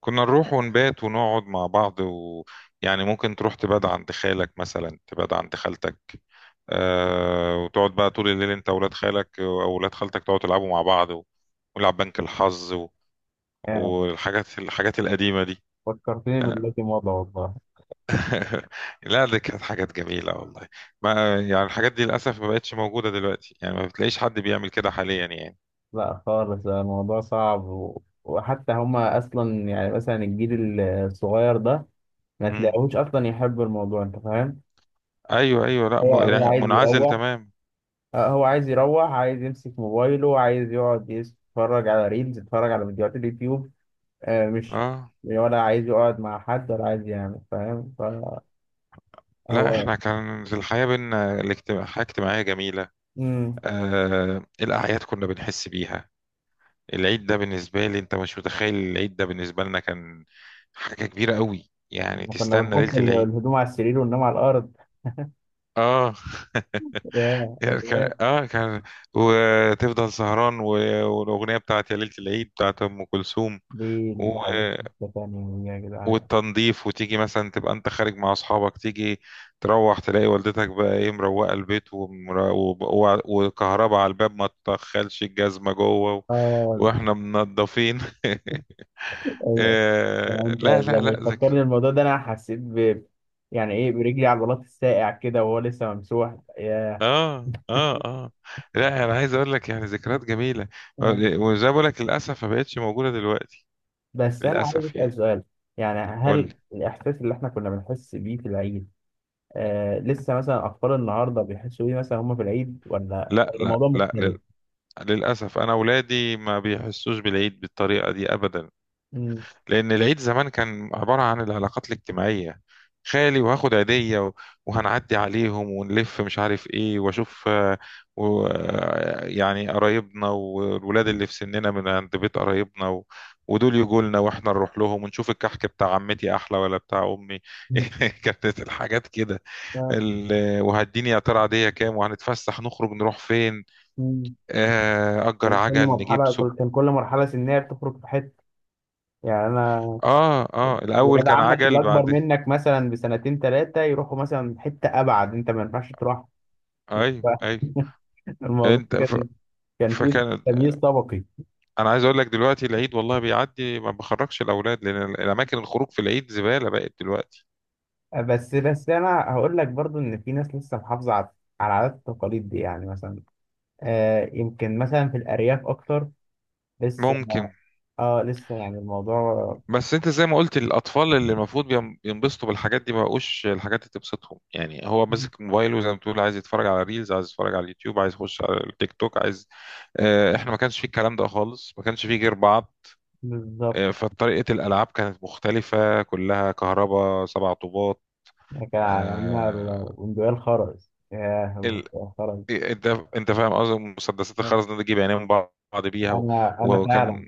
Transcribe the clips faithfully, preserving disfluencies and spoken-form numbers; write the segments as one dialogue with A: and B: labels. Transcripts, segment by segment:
A: كنا نروح ونبات ونقعد مع بعض، ويعني ممكن تروح تبات عند خالك مثلا، تبات عند خالتك. آه، وتقعد بقى طول الليل انت وولاد خالك او ولاد خالتك، تقعدوا تلعبوا مع بعض و- ونلعب بنك الحظ و-
B: آه،
A: والحاجات الحاجات القديمة دي.
B: فكرتني بالذي مضى والله.
A: لا، دي كانت حاجات جميلة والله. ما يعني الحاجات دي للأسف ما بقتش موجودة دلوقتي، يعني ما بتلاقيش حد بيعمل كده حاليا يعني.
B: لا خالص، آه، الموضوع صعب و... وحتى هما أصلا يعني مثلا الجيل الصغير ده ما
A: مم.
B: تلاقيهوش أصلا يحب الموضوع، أنت فاهم؟
A: أيوه، أيوه، لا،
B: هو
A: م-
B: هو
A: لا،
B: عايز
A: منعزل
B: يروح.
A: تمام.
B: آه، هو عايز يروح، عايز يمسك موبايله، عايز يقعد يتفرج على ريلز، يتفرج على فيديوهات اليوتيوب. آه، مش
A: اه،
B: ولا عايز يقعد مع حد ولا عايز يعمل، فاهم؟ فهو
A: لا احنا كانت الحياة بينا الاجتماع- حياة اجتماعية جميلة.
B: مم.
A: آه، الأعياد كنا بنحس بيها. العيد ده بالنسبة لي انت مش متخيل، العيد ده بالنسبة لنا كان حاجة كبيرة قوي، يعني
B: إحنا كنا
A: تستنى ليلة
B: بنحط ال-
A: العيد.
B: الهدوم على السرير وننام على الأرض.
A: اه يعني
B: ياه،
A: كان اه كان وتفضل سهران و- والأغنية بتاعت يا ليلة العيد بتاعت أم كلثوم.
B: ليه الحديث لسه تاني يا جدعان؟
A: والتنظيف، وتيجي مثلا تبقى انت خارج مع اصحابك، تيجي تروح تلاقي والدتك بقى ايه مروقه البيت، ومر- وب- وع- وكهرباء على الباب، ما تدخلش الجزمه جوه، و...
B: اه،
A: واحنا منضفين.
B: ال- يعني
A: آه،
B: انت
A: لا لا
B: لما
A: لا
B: تفكرني
A: ذكر.
B: الموضوع ده انا حسيت ب يعني ايه برجلي على عضلات الساقع كده وهو لسه ممسوح. يا
A: اه، اه، اه، لا انا عايز اقول لك يعني ذكريات جميله. وزي ما بقول لك للاسف ما بقتش موجوده دلوقتي،
B: بس انا عايز
A: للاسف
B: اسال
A: يعني.
B: سؤال، يعني
A: قول لي.
B: هل الاحساس اللي احنا كنا بنحس بيه في العيد آه لسه مثلا اطفال النهارده بيحسوا بيه مثلا هم في العيد، ولا
A: لا،
B: ولا
A: لا،
B: الموضوع
A: لا،
B: مختلف؟
A: لل... للاسف انا اولادي ما بيحسوش بالعيد بالطريقه دي ابدا.
B: امم
A: لأن العيد زمان كان عبارة عن العلاقات الاجتماعية، خالي وهاخد عيدية، و- وهنعدي عليهم ونلف مش عارف ايه واشوف، آه، و آه، يعني قرايبنا والولاد اللي في سننا من عند بيت قرايبنا، و... ودول يجوا لنا واحنا نروح لهم ونشوف الكحك بتاع عمتي احلى ولا بتاع امي. كانت الحاجات كده.
B: آه.
A: ال... وهديني يا ترى عاديه كام، وهنتفسح نخرج نروح فين؟
B: مم.
A: آه، اجر
B: كان كل
A: عجل نجيب
B: مرحله
A: سب
B: كل- كان كل مرحله سنيه بتخرج في حته، يعني انا،
A: اه، اه، الاول
B: ولاد
A: كان
B: عمك اللي
A: عجل
B: اكبر
A: بعد.
B: منك مثلا بسنتين ثلاثه يروحوا مثلا حته ابعد، انت ما ينفعش تروح.
A: ايوه، ايوه،
B: فالموضوع
A: انت ف...
B: كان، كان فيه
A: فكان
B: تمييز طبقي.
A: انا عايز اقول لك دلوقتي العيد والله بيعدي، ما بخرجش الاولاد لان ال- الاماكن الخروج في العيد زباله بقت دلوقتي.
B: بس بس انا هقول لك برضو ان في ناس لسه محافظه على على العادات والتقاليد دي، يعني مثلا آه يمكن مثلا في الارياف اكتر لسه.
A: ممكن.
B: اه لسه يعني الموضوع
A: بس انت زي ما قلت، الاطفال اللي المفروض بيم- ينبسطوا بالحاجات دي ما بقوش الحاجات اللي تبسطهم، يعني هو ماسك موبايله زي ما بتقول، عايز يتفرج على ريلز، عايز يتفرج على اليوتيوب، عايز يخش على التيك توك، عايز اه، احنا ما كانش فيه الكلام ده خالص، ما كانش فيه غير بعض.
B: بالظبط.
A: اه، فطريقه الالعاب كانت مختلفه، كلها كهرباء، سبع طوبات.
B: كان عندنا
A: آه،
B: ال- البندقية الخرز. ياه البندقية الخرز.
A: إيه، انت انت فاهم قصدي، مسدسات الخرز دي تجيب عينين بعض بيها. و...
B: انا انا فعلا.
A: وكان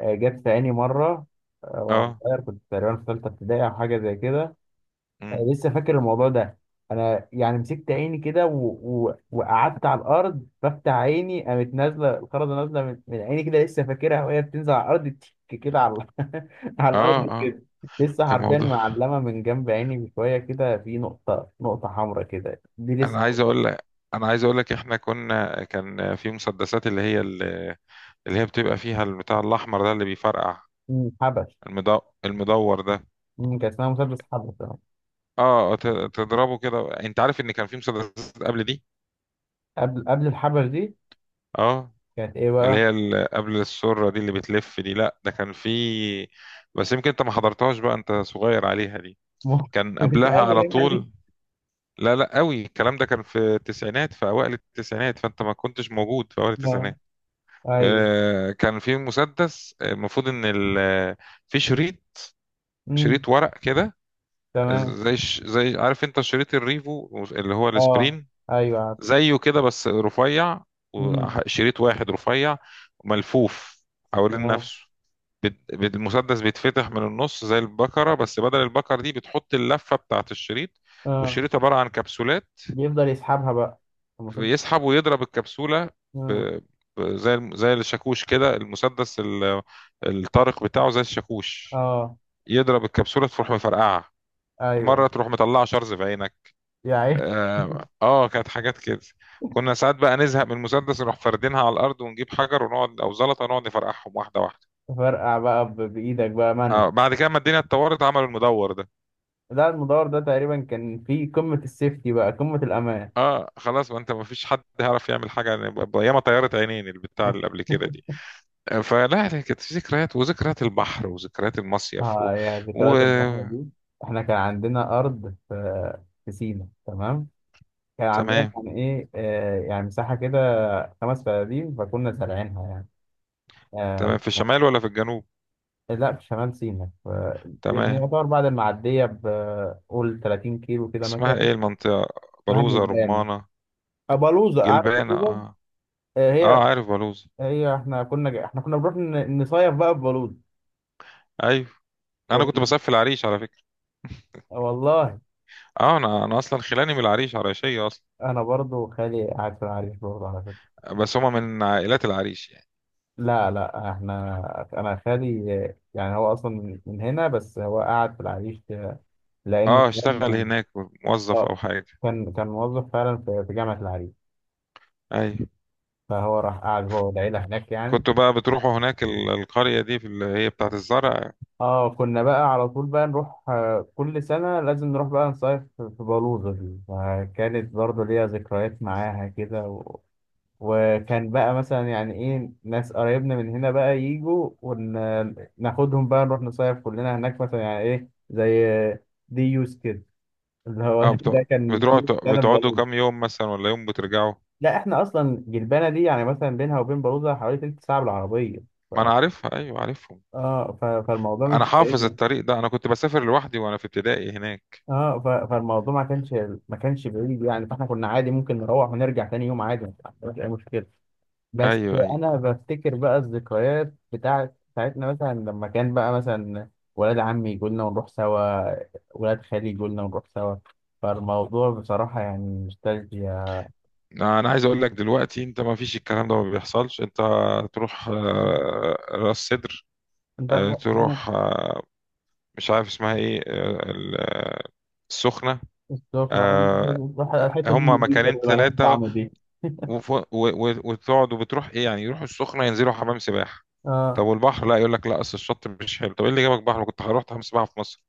B: آه، جت في عيني مرة. آه، وأنا
A: اه.
B: صغير كنت تقريبا في تالتة ابتدائي أو حاجة زي كده. آه،
A: مم.
B: لسه فاكر الموضوع ده. أنا يعني مسكت عيني كده و... و... وقعدت على الأرض بفتح عيني قامت نازلة الخرزة نازلة من... من عيني كده لسه فاكرها وهي بتنزل على الأرض، تك كده على على
A: اه،
B: الأرض
A: اه،
B: كده. لسه
A: كان
B: حرفيا
A: موضوع.
B: معلمة من جنب عيني بشوية كده في نقطة، نقطة حمراء كده دي
A: انا
B: لسه.
A: عايز اقول لك انا عايز اقول لك احنا كنا كان في مسدسات، اللي هي ال- اللي هي بتبقى فيها البتاع الاحمر ده اللي بيفرقع.
B: مم، حبش.
A: المدو... المدور ده.
B: مم، كان اسمها مسدس حبش، آه.
A: اه، آه، ت- تضربه كده، انت عارف ان كان في مسدسات قبل دي.
B: قبل قبل الحبش دي
A: اه،
B: كانت إيه
A: اللي
B: بقى؟
A: هي ال- قبل السرة دي اللي بتلف دي، لا ده كان في، بس يمكن انت ما حضرتهاش بقى، انت صغير عليها دي. كان
B: مش
A: قبلها
B: قوي
A: على
B: يعني.
A: طول. لا، لا، قوي الكلام ده كان في التسعينات، في اوائل التسعينات، فانت ما كنتش موجود في اوائل
B: اه،
A: التسعينات.
B: ايوه،
A: آه، كان في مسدس، آه، المفروض ان ال- آه، في شريط
B: امم
A: شريط ورق كده،
B: تمام.
A: زي ش- زي، عارف انت، شريط الريفو اللي هو
B: اه،
A: السبرين.
B: ايوه عارف.
A: زيه كده بس رفيع،
B: امم
A: وشريط واحد رفيع، ملفوف حوالين
B: تمام.
A: نفسه. بت- بت- المسدس بيتفتح من النص زي البكرة، بس بدل البكرة دي بتحط اللفة بتاعت الشريط،
B: اه
A: والشريط عبارة عن كبسولات.
B: بيفضل يسحبها بقى، المفروض.
A: يسحب ويضرب الكبسولة، ب...
B: اه
A: ب... زي الم- زي الشاكوش كده، المسدس ال... الطارق بتاعه زي الشاكوش،
B: اه،
A: يضرب الكبسولة تروح مفرقعة.
B: ايوه،
A: مرة تروح مطلعة شرز في عينك.
B: يعني.
A: اه، آه، كانت حاجات كده. كنا ساعات بقى نزهق من المسدس، نروح فاردينها على الأرض ونجيب حجر ونقعد، أو زلطة، نقعد نفرقعهم واحدة واحدة.
B: فرقع بقى ب- بايدك بقى مانوال.
A: اه، بعد كده ما الدنيا اتطورت عملوا المدور ده.
B: ده المدور ده تقريبا كان في قمة السيفتي بقى، قمة الأمان.
A: اه، خلاص، ما انت ما فيش حد هيعرف يعمل حاجة، يعني ب- ب- ياما طيارة عينين البتاع اللي قبل كده دي. فلا، هي كانت ذكريات، وذكريات البحر، وذكريات المصيف. و...
B: اه، يا
A: و...
B: ذكريات البحر دي. احنا كان عندنا أرض في في سينا، تمام. كان عندنا
A: تمام،
B: يعني ايه آه يعني مساحة كده خمس فدادين فكنا زارعينها يعني. آه،
A: تمام، في الشمال ولا في الجنوب؟
B: لا في شمال سيناء، ف- يعني
A: تمام،
B: يعتبر بعد المعدية بقول 30 كيلو كده
A: اسمها
B: مثلا.
A: ايه المنطقة؟
B: نهج
A: بلوزة
B: البيانة.
A: رمانة؟
B: بلوزة، عارف
A: جلبانة،
B: بلوزة.
A: اه.
B: آه،
A: اه،
B: هي.
A: عارف بلوزة.
B: هي احنا كنا جا- احنا كنا بنروح ن- نصيف بقى في بلوزة.
A: ايوه، انا كنت
B: كنا.
A: بسافر في العريش على فكرة.
B: والله.
A: اه، انا انا اصلا خلاني من العريش عريشية اصلا.
B: انا برضو خالي قاعد في العريش برضو على فكرة.
A: بس هما من عائلات العريش يعني؟
B: لا لا احنا انا خالي، آه، يعني هو اصلا من من هنا بس هو قاعد في العريش، آه، لانه
A: اه، اشتغل
B: كان،
A: هناك موظف
B: آه،
A: او حاجة؟
B: كان كان موظف فعلا في في جامعة العريش.
A: ايوه،
B: فهو راح قاعد هو والعيلة هناك يعني.
A: كنتوا بقى بتروحوا هناك ال- القرية دي، في اللي هي بتاعت الزرع؟
B: اه كنا بقى على طول بقى نروح، آه، كل سنة لازم نروح بقى نصيف في في بلوزة دي، فكانت برضه ليها ذكريات معاها كده و... وكان بقى مثلا يعني ايه ناس قرايبنا من هنا بقى يجوا وناخدهم بقى نروح نصيف كلنا هناك مثلا يعني ايه زي دي يوز كده اللي هو
A: اه، بتوع
B: ده كان دي
A: بتروحوا
B: كان
A: بتقعدوا
B: بلوزة.
A: كام يوم مثلا، ولا يوم بترجعوا؟
B: لا احنا اصلا جلبانة دي يعني مثلا بينها وبين بلوزة حوالي تلت ساعة بالعربية، ف...
A: ما انا عارفها، ايوه، عارفهم.
B: اه ف... فالموضوع
A: انا
B: مش
A: حافظ
B: بعيد.
A: الطريق ده، انا كنت بسافر لوحدي وانا في ابتدائي هناك.
B: اه ف- فالموضوع ما كانش ما كانش بعيد يعني، فاحنا كنا عادي ممكن نروح ونرجع تاني يوم عادي، ما فيش اي مشكله. بس
A: ايوه، ايوه،
B: انا بفتكر بقى الذكريات بتاعت بتاعتنا مثلا لما كان بقى مثلا ولاد عمي يجوا لنا ونروح سوا، ولاد خالي يجوا لنا ونروح سوا. فالموضوع بصراحه يعني نوستالجيا.
A: انا عايز اقول لك دلوقتي، انت ما فيش الكلام ده، ما بيحصلش، انت تروح،
B: مم.
A: آه، راس سدر،
B: انت،
A: آه،
B: انا.
A: تروح، آه، مش عارف اسمها ايه، آه، ال- آه، السخنة.
B: بالظبط، أنا عاوز-
A: آه،
B: روح الحته دي
A: هما
B: نضيفة
A: مكانين
B: اللي مالهاش
A: ثلاثة،
B: طعم دي.
A: وتقعدوا بتروح ايه؟ يعني يروحوا السخنة ينزلوا حمام سباحة. طب
B: اه
A: والبحر؟ لا يقول لك لا، اصل الشط مش حلو، طب ايه اللي جابك بحر، ما كنت هروح حمام سباحة في مصر.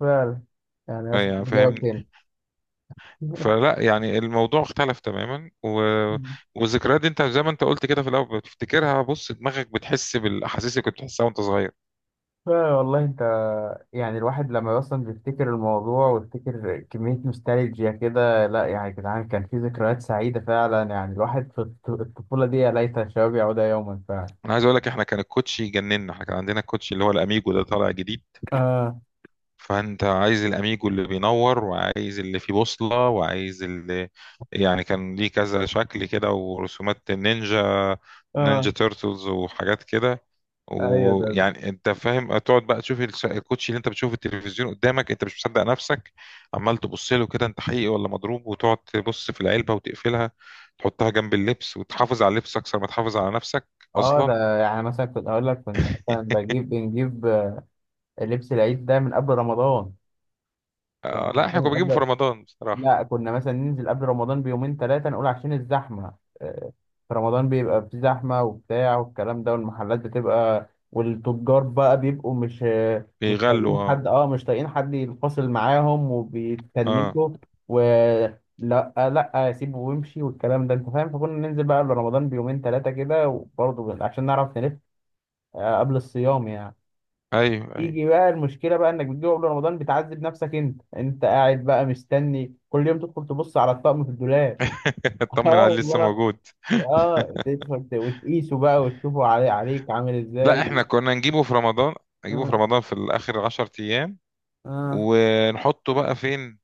B: فعلا، يعني أصل
A: يعني،
B: إجابة
A: فاهمني؟
B: تاني.
A: فلا يعني، الموضوع اختلف تماما. و... والذكريات دي انت زي ما انت قلت كده في الاول بتفتكرها، بص دماغك بتحس بالاحاسيس اللي كنت بتحسها وانت صغير.
B: والله انت، يعني الواحد لما اصلا بيفتكر الموضوع ويفتكر كمية نوستالجيا كده، لا يعني يا جدعان كان في ذكريات سعيدة فعلا، يعني الواحد في الط- الطفولة دي، يا ليت الشباب يعود يوما فعلا.
A: انا عايز اقول لك، احنا كان الكوتشي يجننا، احنا كان عندنا الكوتشي اللي هو الاميجو ده طالع جديد.
B: اه
A: فانت عايز الاميجو اللي بينور، وعايز اللي فيه بوصلة، وعايز اللي يعني كان ليه كذا شكل كده، ورسومات النينجا، نينجا
B: اه،
A: تيرتلز وحاجات كده.
B: ايوه ده.
A: ويعني انت فاهم، تقعد بقى تشوف الش- الكوتشي اللي انت بتشوفه في التلفزيون قدامك، انت مش مصدق نفسك، عمال تبص له كده انت حقيقي ولا مضروب، وتقعد تبص في العلبة وتقفلها، تحطها جنب اللبس وتحافظ على اللبس اكثر ما تحافظ على نفسك
B: اه،
A: اصلا.
B: ده يعني مثلا كنت هقول لك كنا مثلا بجيب بنجيب، آه، لبس العيد ده من قبل رمضان. يعني
A: آه، لا
B: حرفيا
A: احنا كنا
B: من
A: بنجيبه في
B: قبل.
A: رمضان بصراحة.
B: لا كنا مثلا ننزل قبل رمضان بيومين ثلاثة نقول عشان الزحمة. آه، في رمضان بيبقى في زحمة وبتاع والكلام ده، والمحلات بتبقى والتجار بقى بيبقوا مش، آه، مش
A: بيغلوا
B: طايقين
A: اه.
B: حد. اه مش طايقين حد ينفصل معاهم
A: اه،
B: وبيتنكوا. ولا لا لا سيبه وامشي والكلام ده، انت فاهم. فكنا ننزل بقى قبل رمضان بيومين ثلاثة كده، وبرضه عشان نعرف نلف. آه، قبل الصيام يعني.
A: ايوه، ايوه.
B: يجي بقى المشكله بقى انك بتجيبه قبل رمضان بتعذب نفسك، انت انت قاعد بقى مستني كل يوم تدخل تبص على الطقم في الدولاب. اه
A: اطمن عليه لسه
B: والله.
A: موجود.
B: اه تدخل ت- وتقيسه بقى وتشوفه علي عليك عامل
A: لا، احنا
B: ازاي.
A: كنا نجيبه في رمضان، نجيبه في
B: اه
A: رمضان في اخر 10 ايام.
B: اه.
A: ونحطه بقى فين؟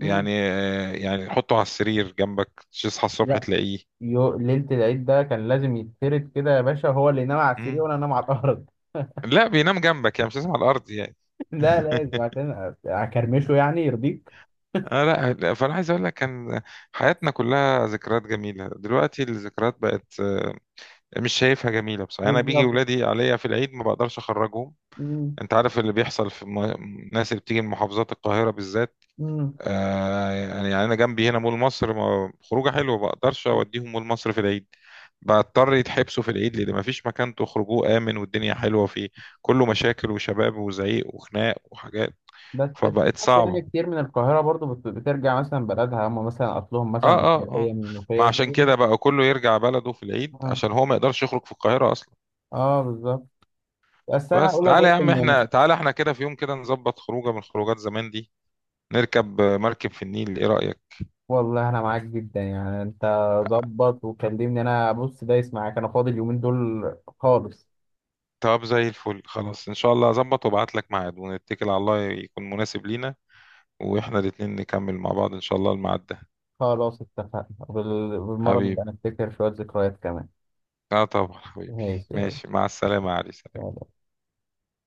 B: مم.
A: يعني، آه، يعني نحطه على السرير جنبك، تصحى الصبح
B: لا
A: تلاقيه.
B: يو ليله العيد ده كان لازم يتفرد كده يا باشا، هو اللي ينام على السرير
A: مم.
B: وانا انام على الارض.
A: لا، بينام جنبك يعني، مش لازم على الارض يعني.
B: لا لازم عشان اكرمشه، يعني يرضيك.
A: آه لا، لا، فانا عايز اقول لك، كان حياتنا كلها ذكريات جميله. دلوقتي الذكريات بقت، آه، مش شايفها جميله بصراحه، يعني انا بيجي
B: بالظبط.
A: ولادي عليا في العيد ما بقدرش اخرجهم.
B: مم.
A: انت عارف اللي بيحصل في م- ناس اللي بتيجي من محافظات القاهره بالذات.
B: مم.
A: آه، يعني انا جنبي هنا مول مصر، ما- خروجه حلوه، ما بقدرش اوديهم مول مصر في العيد. بضطر يتحبسوا في العيد لان ما فيش مكان تخرجوه امن والدنيا حلوه فيه، كله مشاكل وشباب وزعيق وخناق وحاجات،
B: بس في
A: فبقت
B: ناس يعني
A: صعبه.
B: كتير من القاهرة برضو بت- بترجع مثلا بلدها، هم مثلا أصلهم مثلا
A: اه،
B: من
A: اه،
B: الشرقية
A: اه،
B: من المنوفية.
A: ما عشان كده بقى كله يرجع بلده في العيد،
B: اه
A: عشان هو ما يقدرش يخرج في القاهره اصلا.
B: اه، بالظبط. بس أنا
A: بس
B: هقول لك
A: تعالى يا
B: برضو
A: عم
B: إن
A: احنا، تعالى احنا كده في يوم كده، نظبط خروجه من خروجات زمان دي، نركب مركب في النيل، ايه رايك؟
B: والله أنا معاك جدا، يعني أنت ظبط وكلمني أنا بص دايس معاك، أنا فاضي اليومين دول خالص.
A: طب زي الفل، خلاص، ان شاء الله اظبط وابعت لك ميعاد، ونتكل على الله يكون مناسب لينا، واحنا الاتنين نكمل مع بعض ان شاء الله الميعاد ده.
B: خلاص اتفقنا، وبال- بالمرة
A: حبيبي،
B: نبقى نفتكر شوية ذكريات كمان.
A: اه طبعا حبيبي.
B: ماشي.
A: ماشي، مع السلامة يا علي.
B: يلا.